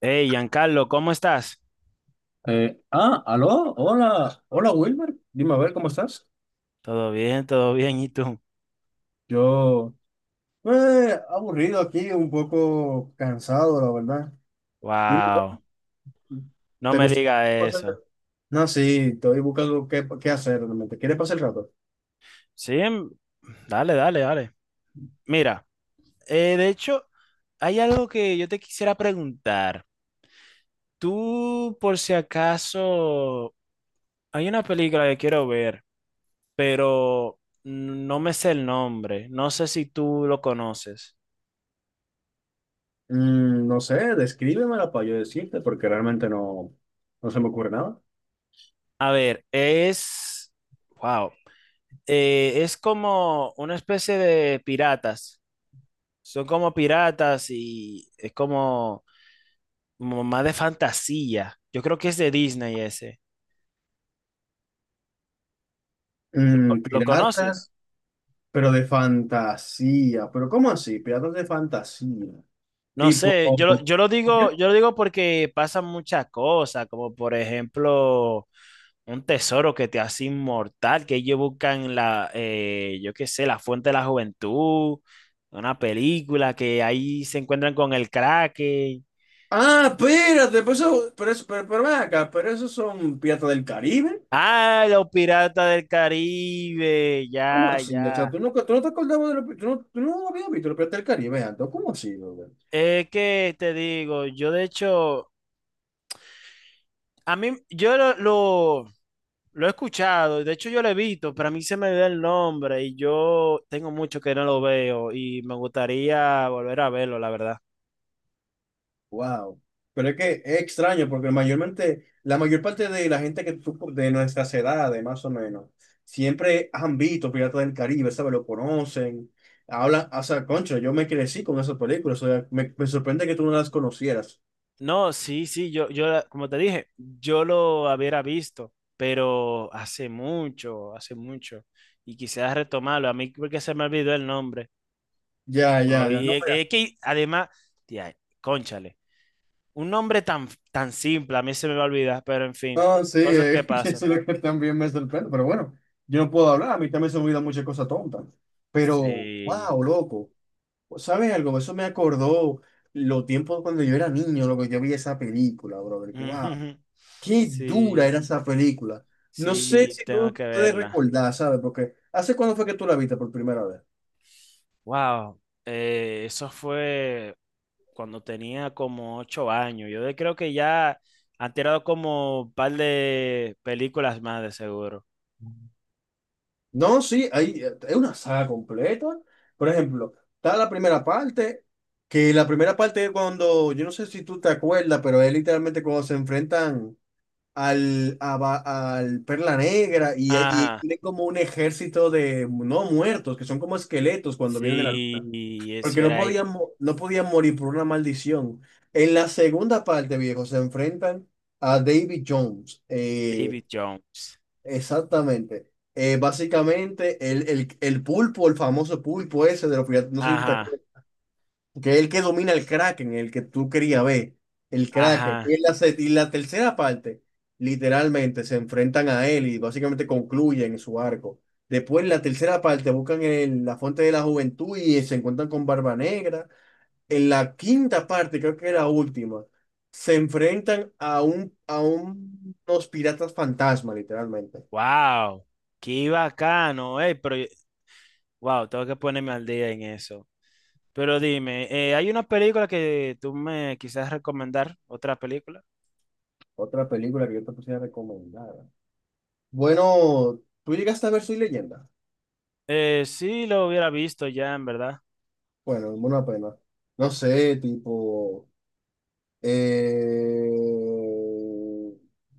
Hey, Giancarlo, ¿cómo estás? Aló, hola, hola Wilmer, dime a ver cómo estás. Todo bien, ¿y tú? Yo, pues, aburrido aquí, un poco cansado, la verdad. Dime, Wow, no ¿te me gustaría digas pasar? eso. No, sí, estoy buscando qué hacer realmente. ¿Quieres pasar el rato? Sí, dale, dale, dale. Mira, de hecho, hay algo que yo te quisiera preguntar. Tú, por si acaso, hay una película que quiero ver, pero no me sé el nombre. No sé si tú lo conoces. No sé, descríbemela para yo decirte, porque realmente no se me ocurre nada. A ver, es... Wow. Es como una especie de piratas. Son como piratas y es como más de fantasía. Yo creo que es de Disney ese. ¿Lo Piratas, conoces? pero de fantasía. ¿Pero cómo así? Piratas de fantasía. No Tipo. sé, yo, yo lo digo porque pasan muchas cosas, como por ejemplo un tesoro que te hace inmortal, que ellos buscan la, yo qué sé, la fuente de la juventud, una película que ahí se encuentran con el Kraken. Ah, espérate, pues eso, pero eso, pero ven acá, pero esos son Piratas del Caribe. Ah, los piratas del Caribe, ¿Cómo ya, así? O sea, ya. tú, nunca, tú no te acordabas de los tú no habías visto los Piratas del Caribe antes. ¿Cómo así, brother? Es que te digo, yo de hecho, a mí, yo lo he escuchado, y de hecho yo lo he visto, pero a mí se me da el nombre y yo tengo mucho que no lo veo y me gustaría volver a verlo, la verdad. Wow. Pero es que es extraño porque mayormente, la mayor parte de la gente que tú, de nuestras edades, más o menos, siempre han visto Piratas del Caribe, ¿sabes? Lo conocen, hablan, o sea, concho, yo me crecí con esas películas, o sea, me sorprende que tú no las conocieras. No, sí, sí, yo, yo como te dije, yo lo hubiera visto, pero hace mucho, y quisiera retomarlo, a mí porque se me olvidó el nombre. Ya, Oh, ya, ya. y No. es que además, tía, cónchale. Un nombre tan, tan simple, a mí se me va a olvidar, pero en fin, No, sí, cosas que eso es pasan. lo que también me sorprende, pero bueno, yo no puedo hablar, a mí también se me olvidan muchas cosas tontas, pero, Sí. wow, loco, ¿sabes algo? Eso me acordó los tiempos cuando yo era niño, lo que yo vi esa película, brother, wow, qué dura Sí, era esa película. No sé sí, si tengo tú que puedes verla. recordar, ¿sabes? Porque, ¿hace cuándo fue que tú la viste por primera vez? Wow, eso fue cuando tenía como 8 años. Yo creo que ya han tirado como un par de películas más de seguro. No, sí, hay, es una saga completa. Por ejemplo, está la primera parte, que la primera parte es cuando, yo no sé si tú te acuerdas, pero es literalmente cuando se enfrentan al Perla Negra y Ajá, tienen como un ejército de no muertos, que son como esqueletos cuando vienen de la luna, sí, eso porque no era podían, no podían morir por una maldición. En la segunda parte, viejo, se enfrentan a David Jones. Eh. David Jones. Exactamente. Básicamente, el pulpo, el famoso pulpo ese de los piratas, no sé si tú te Ajá, acuerdas, que es el que domina el Kraken, el que tú querías ver, el Kraken. ajá. Y en la, se- y la tercera parte, literalmente, se enfrentan a él y básicamente concluyen su arco. Después, en la tercera parte, buscan el- la fuente de la juventud y se encuentran con Barba Negra. En la quinta parte, creo que era la última, se enfrentan a un, unos piratas fantasma, literalmente. Wow, qué bacano, pero wow, tengo que ponerme al día en eso. Pero dime, ¿hay una película que tú me quisieras recomendar? ¿Otra película? Otra película que yo te pusiera recomendada. Bueno, tú llegaste a ver Soy Leyenda. Sí, lo hubiera visto ya, en verdad. Bueno, una pena. No sé, tipo. Eh,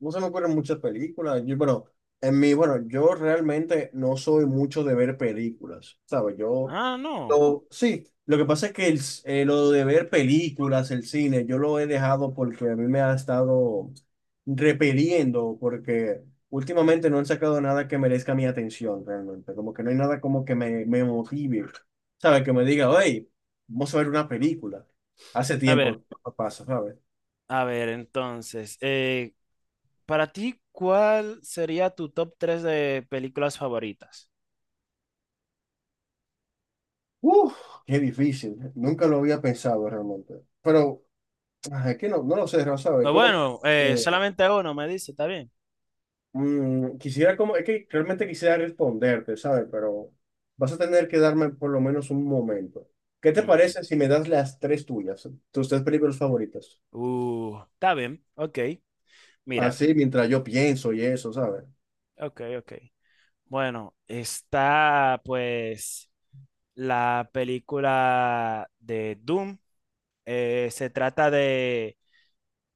no se me ocurren muchas películas. Yo, bueno, en mí, bueno, yo realmente no soy mucho de ver películas, ¿sabes? Yo, Ah, no. lo- sí, lo que pasa es que el, lo de ver películas, el cine, yo lo he dejado porque a mí me ha estado repeliendo, porque últimamente no han sacado nada que merezca mi atención realmente. Como que no hay nada como que me motive, ¿sabes? Que me diga, hey, vamos a ver una película. Hace A ver, tiempo. Pasa, ¿sabes? a ver, entonces, para ti, ¿cuál sería tu top 3 de películas favoritas? Uf, qué difícil. Nunca lo había pensado realmente. Pero ah, es que no lo sé, Rafa, ¿sabes? O Como que bueno, eh, solamente uno me dice, ¿está bien? Quisiera, como, es que realmente quisiera responderte, ¿sabes? Pero vas a tener que darme por lo menos un momento. ¿Qué te Mm, parece si me das las tres tuyas, tus tres películas favoritas? está bien, ok. Mira, Así, mientras yo pienso y eso, ¿sabes? ok, ok. Bueno, está pues... la película de Doom. Se trata de...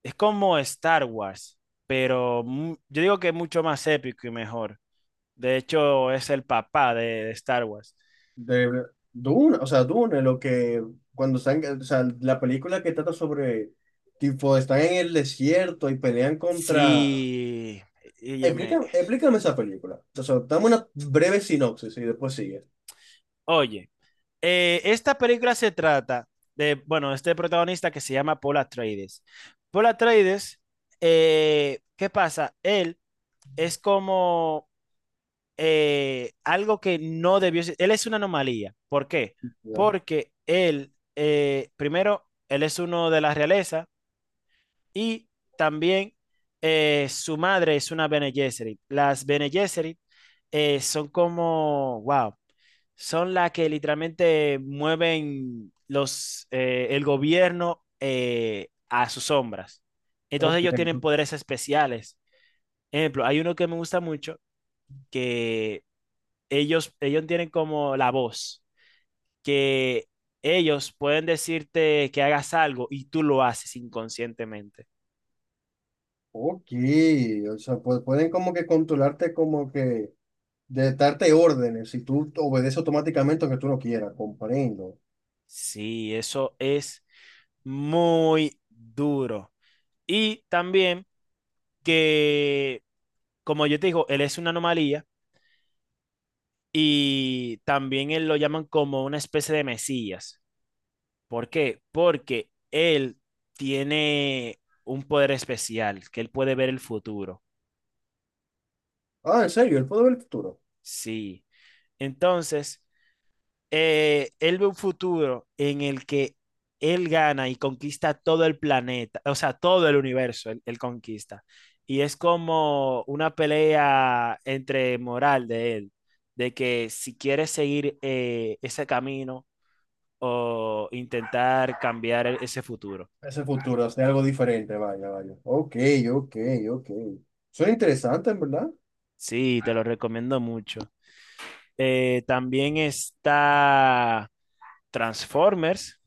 Es como Star Wars, pero yo digo que es mucho más épico y mejor. De hecho, es el papá de Star Wars. De Dune, o sea, Dune, lo que cuando están, o sea, la película que trata sobre, tipo, están en el desierto y pelean contra. Sí, óyeme. Explícame, explícame esa película. O sea, dame una breve sinopsis y después sigue. Oye, esta película se trata de, bueno, este protagonista que se llama Paul Atreides. Paul Atreides, ¿qué pasa? Él es como algo que no debió ser. Él es una anomalía. ¿Por qué? Ya. Porque él, primero, él es uno de la realeza y también su madre es una Bene Gesserit. Las Bene Gesserit son como, wow, son las que literalmente mueven los, el gobierno a sus sombras. Entonces Ok, ellos tienen poderes especiales. Ejemplo, hay uno que me gusta mucho, que ellos tienen como la voz, que ellos pueden decirte que hagas algo y tú lo haces inconscientemente. ok. O sea, pues, pueden como que controlarte como que de darte órdenes y tú obedeces automáticamente aunque tú no quieras, comprendo. Sí, eso es muy duro. Y también que, como yo te digo, él es una anomalía y también él lo llaman como una especie de mesías. ¿Por qué? Porque él tiene un poder especial, que él puede ver el futuro. Ah, en serio, él puede ver el futuro. Sí. Entonces, él ve un futuro en el que él gana y conquista todo el planeta, o sea, todo el universo, él conquista. Y es como una pelea entre moral de él, de que si quiere seguir ese camino o intentar cambiar ese futuro. Ese futuro, hacer algo diferente, vaya, vaya. Ok, ok, ok. Suena interesante, en verdad. Sí, te lo recomiendo mucho. También está Transformers.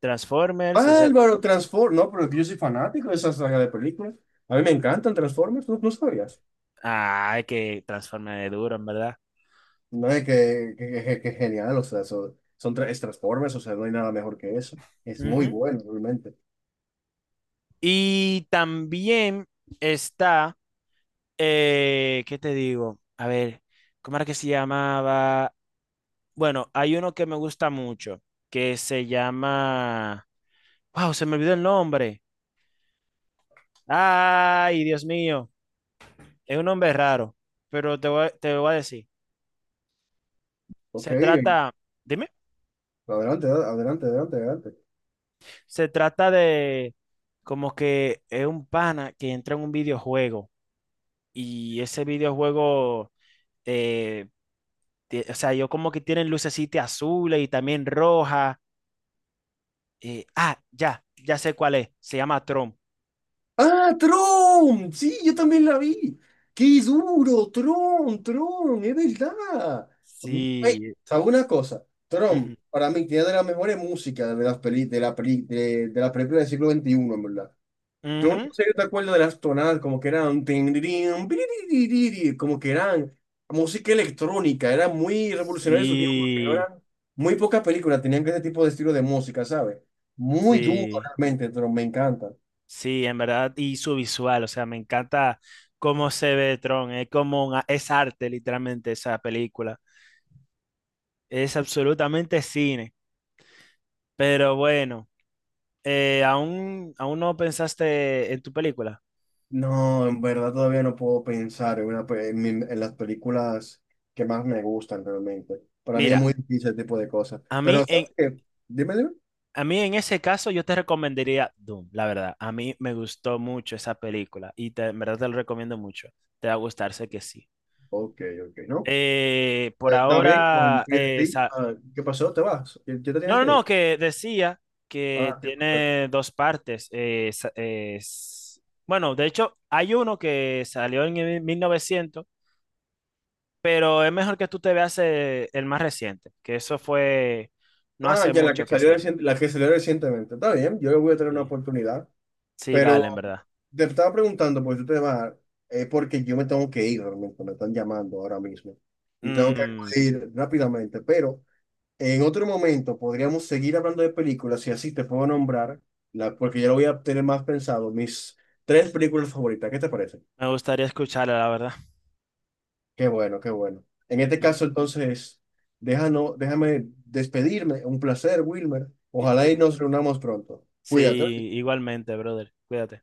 Transformers, ese... Álvaro, Transform, no, pero yo soy fanático de esa saga de películas. A mí me encantan Transformers, ¿no, no sabías? Ah, que Transformers es duro, en verdad. No, es que, que genial, o sea, son, son tres Transformers, o sea, no hay nada mejor que eso. Es muy Ujú. bueno, realmente. Y también está, ¿qué te digo? A ver, ¿cómo era que se llamaba? Bueno, hay uno que me gusta mucho, que se llama... ¡Wow! Se me olvidó el nombre. ¡Ay, Dios mío! Es un nombre raro, pero te lo voy a decir. Ok, Se trata, dime, adelante, adelante, adelante, adelante. se trata de como que es un pana que entra en un videojuego y ese videojuego eh, o sea, yo como que tienen lucecita azules y también roja. Ya, ya sé cuál es. Se llama Tron. ¡Ah, Tron! Sí, yo también la vi. ¡Qué duro! Tron, Tron, es verdad. Mm, Ey, Sí. ¿sabes una cosa? Ujú, Tron, para mí, tiene de las mejores músicas de las peli, de la peli, de las películas del siglo XXI en verdad. Yo no ujú, sé, yo te acuerdo de las tonadas, como que eran, tin, dirin, piririririri, como que eran música electrónica, era muy revolucionario en su tiempo, porque no sí, eran, muy pocas películas tenían ese tipo de estilo de música, ¿sabes? Muy duro sí, realmente, pero me encanta. sí, en verdad. Y su visual, o sea, me encanta cómo se ve Tron. Es como es arte, literalmente, esa película. Es absolutamente cine. Pero bueno, ¿aún no pensaste en tu película? No, en verdad todavía no puedo pensar en, una, pe- en, mi- en las películas que más me gustan realmente. Para mí es Mira, muy difícil ese tipo de cosas. a mí Pero, en, ¿sabes qué? Dime, dime. a mí en ese caso yo te recomendaría Doom, la verdad. A mí me gustó mucho esa película y en verdad te lo recomiendo mucho. Te va a gustar, sé que sí. Ok, ok, ¿no? Por Pues está bien, ahora, confío en ti. Ah, ¿qué pasó? ¿Te vas? ¿Ya te no, tienes no, que no, ir? que decía que Ah, qué cosa. tiene 2 partes. Bueno de hecho, hay uno que salió en el 1900, pero es mejor que tú te veas el más reciente, que eso fue no Ah, hace ya la que mucho que salió salió. La que salió recientemente. Está bien, yo le voy a tener una Sí, oportunidad. sí, Pero dale, en verdad. te estaba preguntando por este tema, es porque yo me tengo que ir realmente, me están llamando ahora mismo y tengo que Mm, acudir rápidamente. Pero en otro momento podríamos seguir hablando de películas y así te puedo nombrar, la, porque ya lo voy a tener más pensado, mis tres películas favoritas. ¿Qué te parece? Me gustaría escucharla, la verdad. Qué bueno, qué bueno. En este Ujú. caso, entonces, déjame despedirme. Un placer, Wilmer. I- Ojalá igu- y nos reunamos pronto. Sí, Cuídate. igualmente, brother. Cuídate.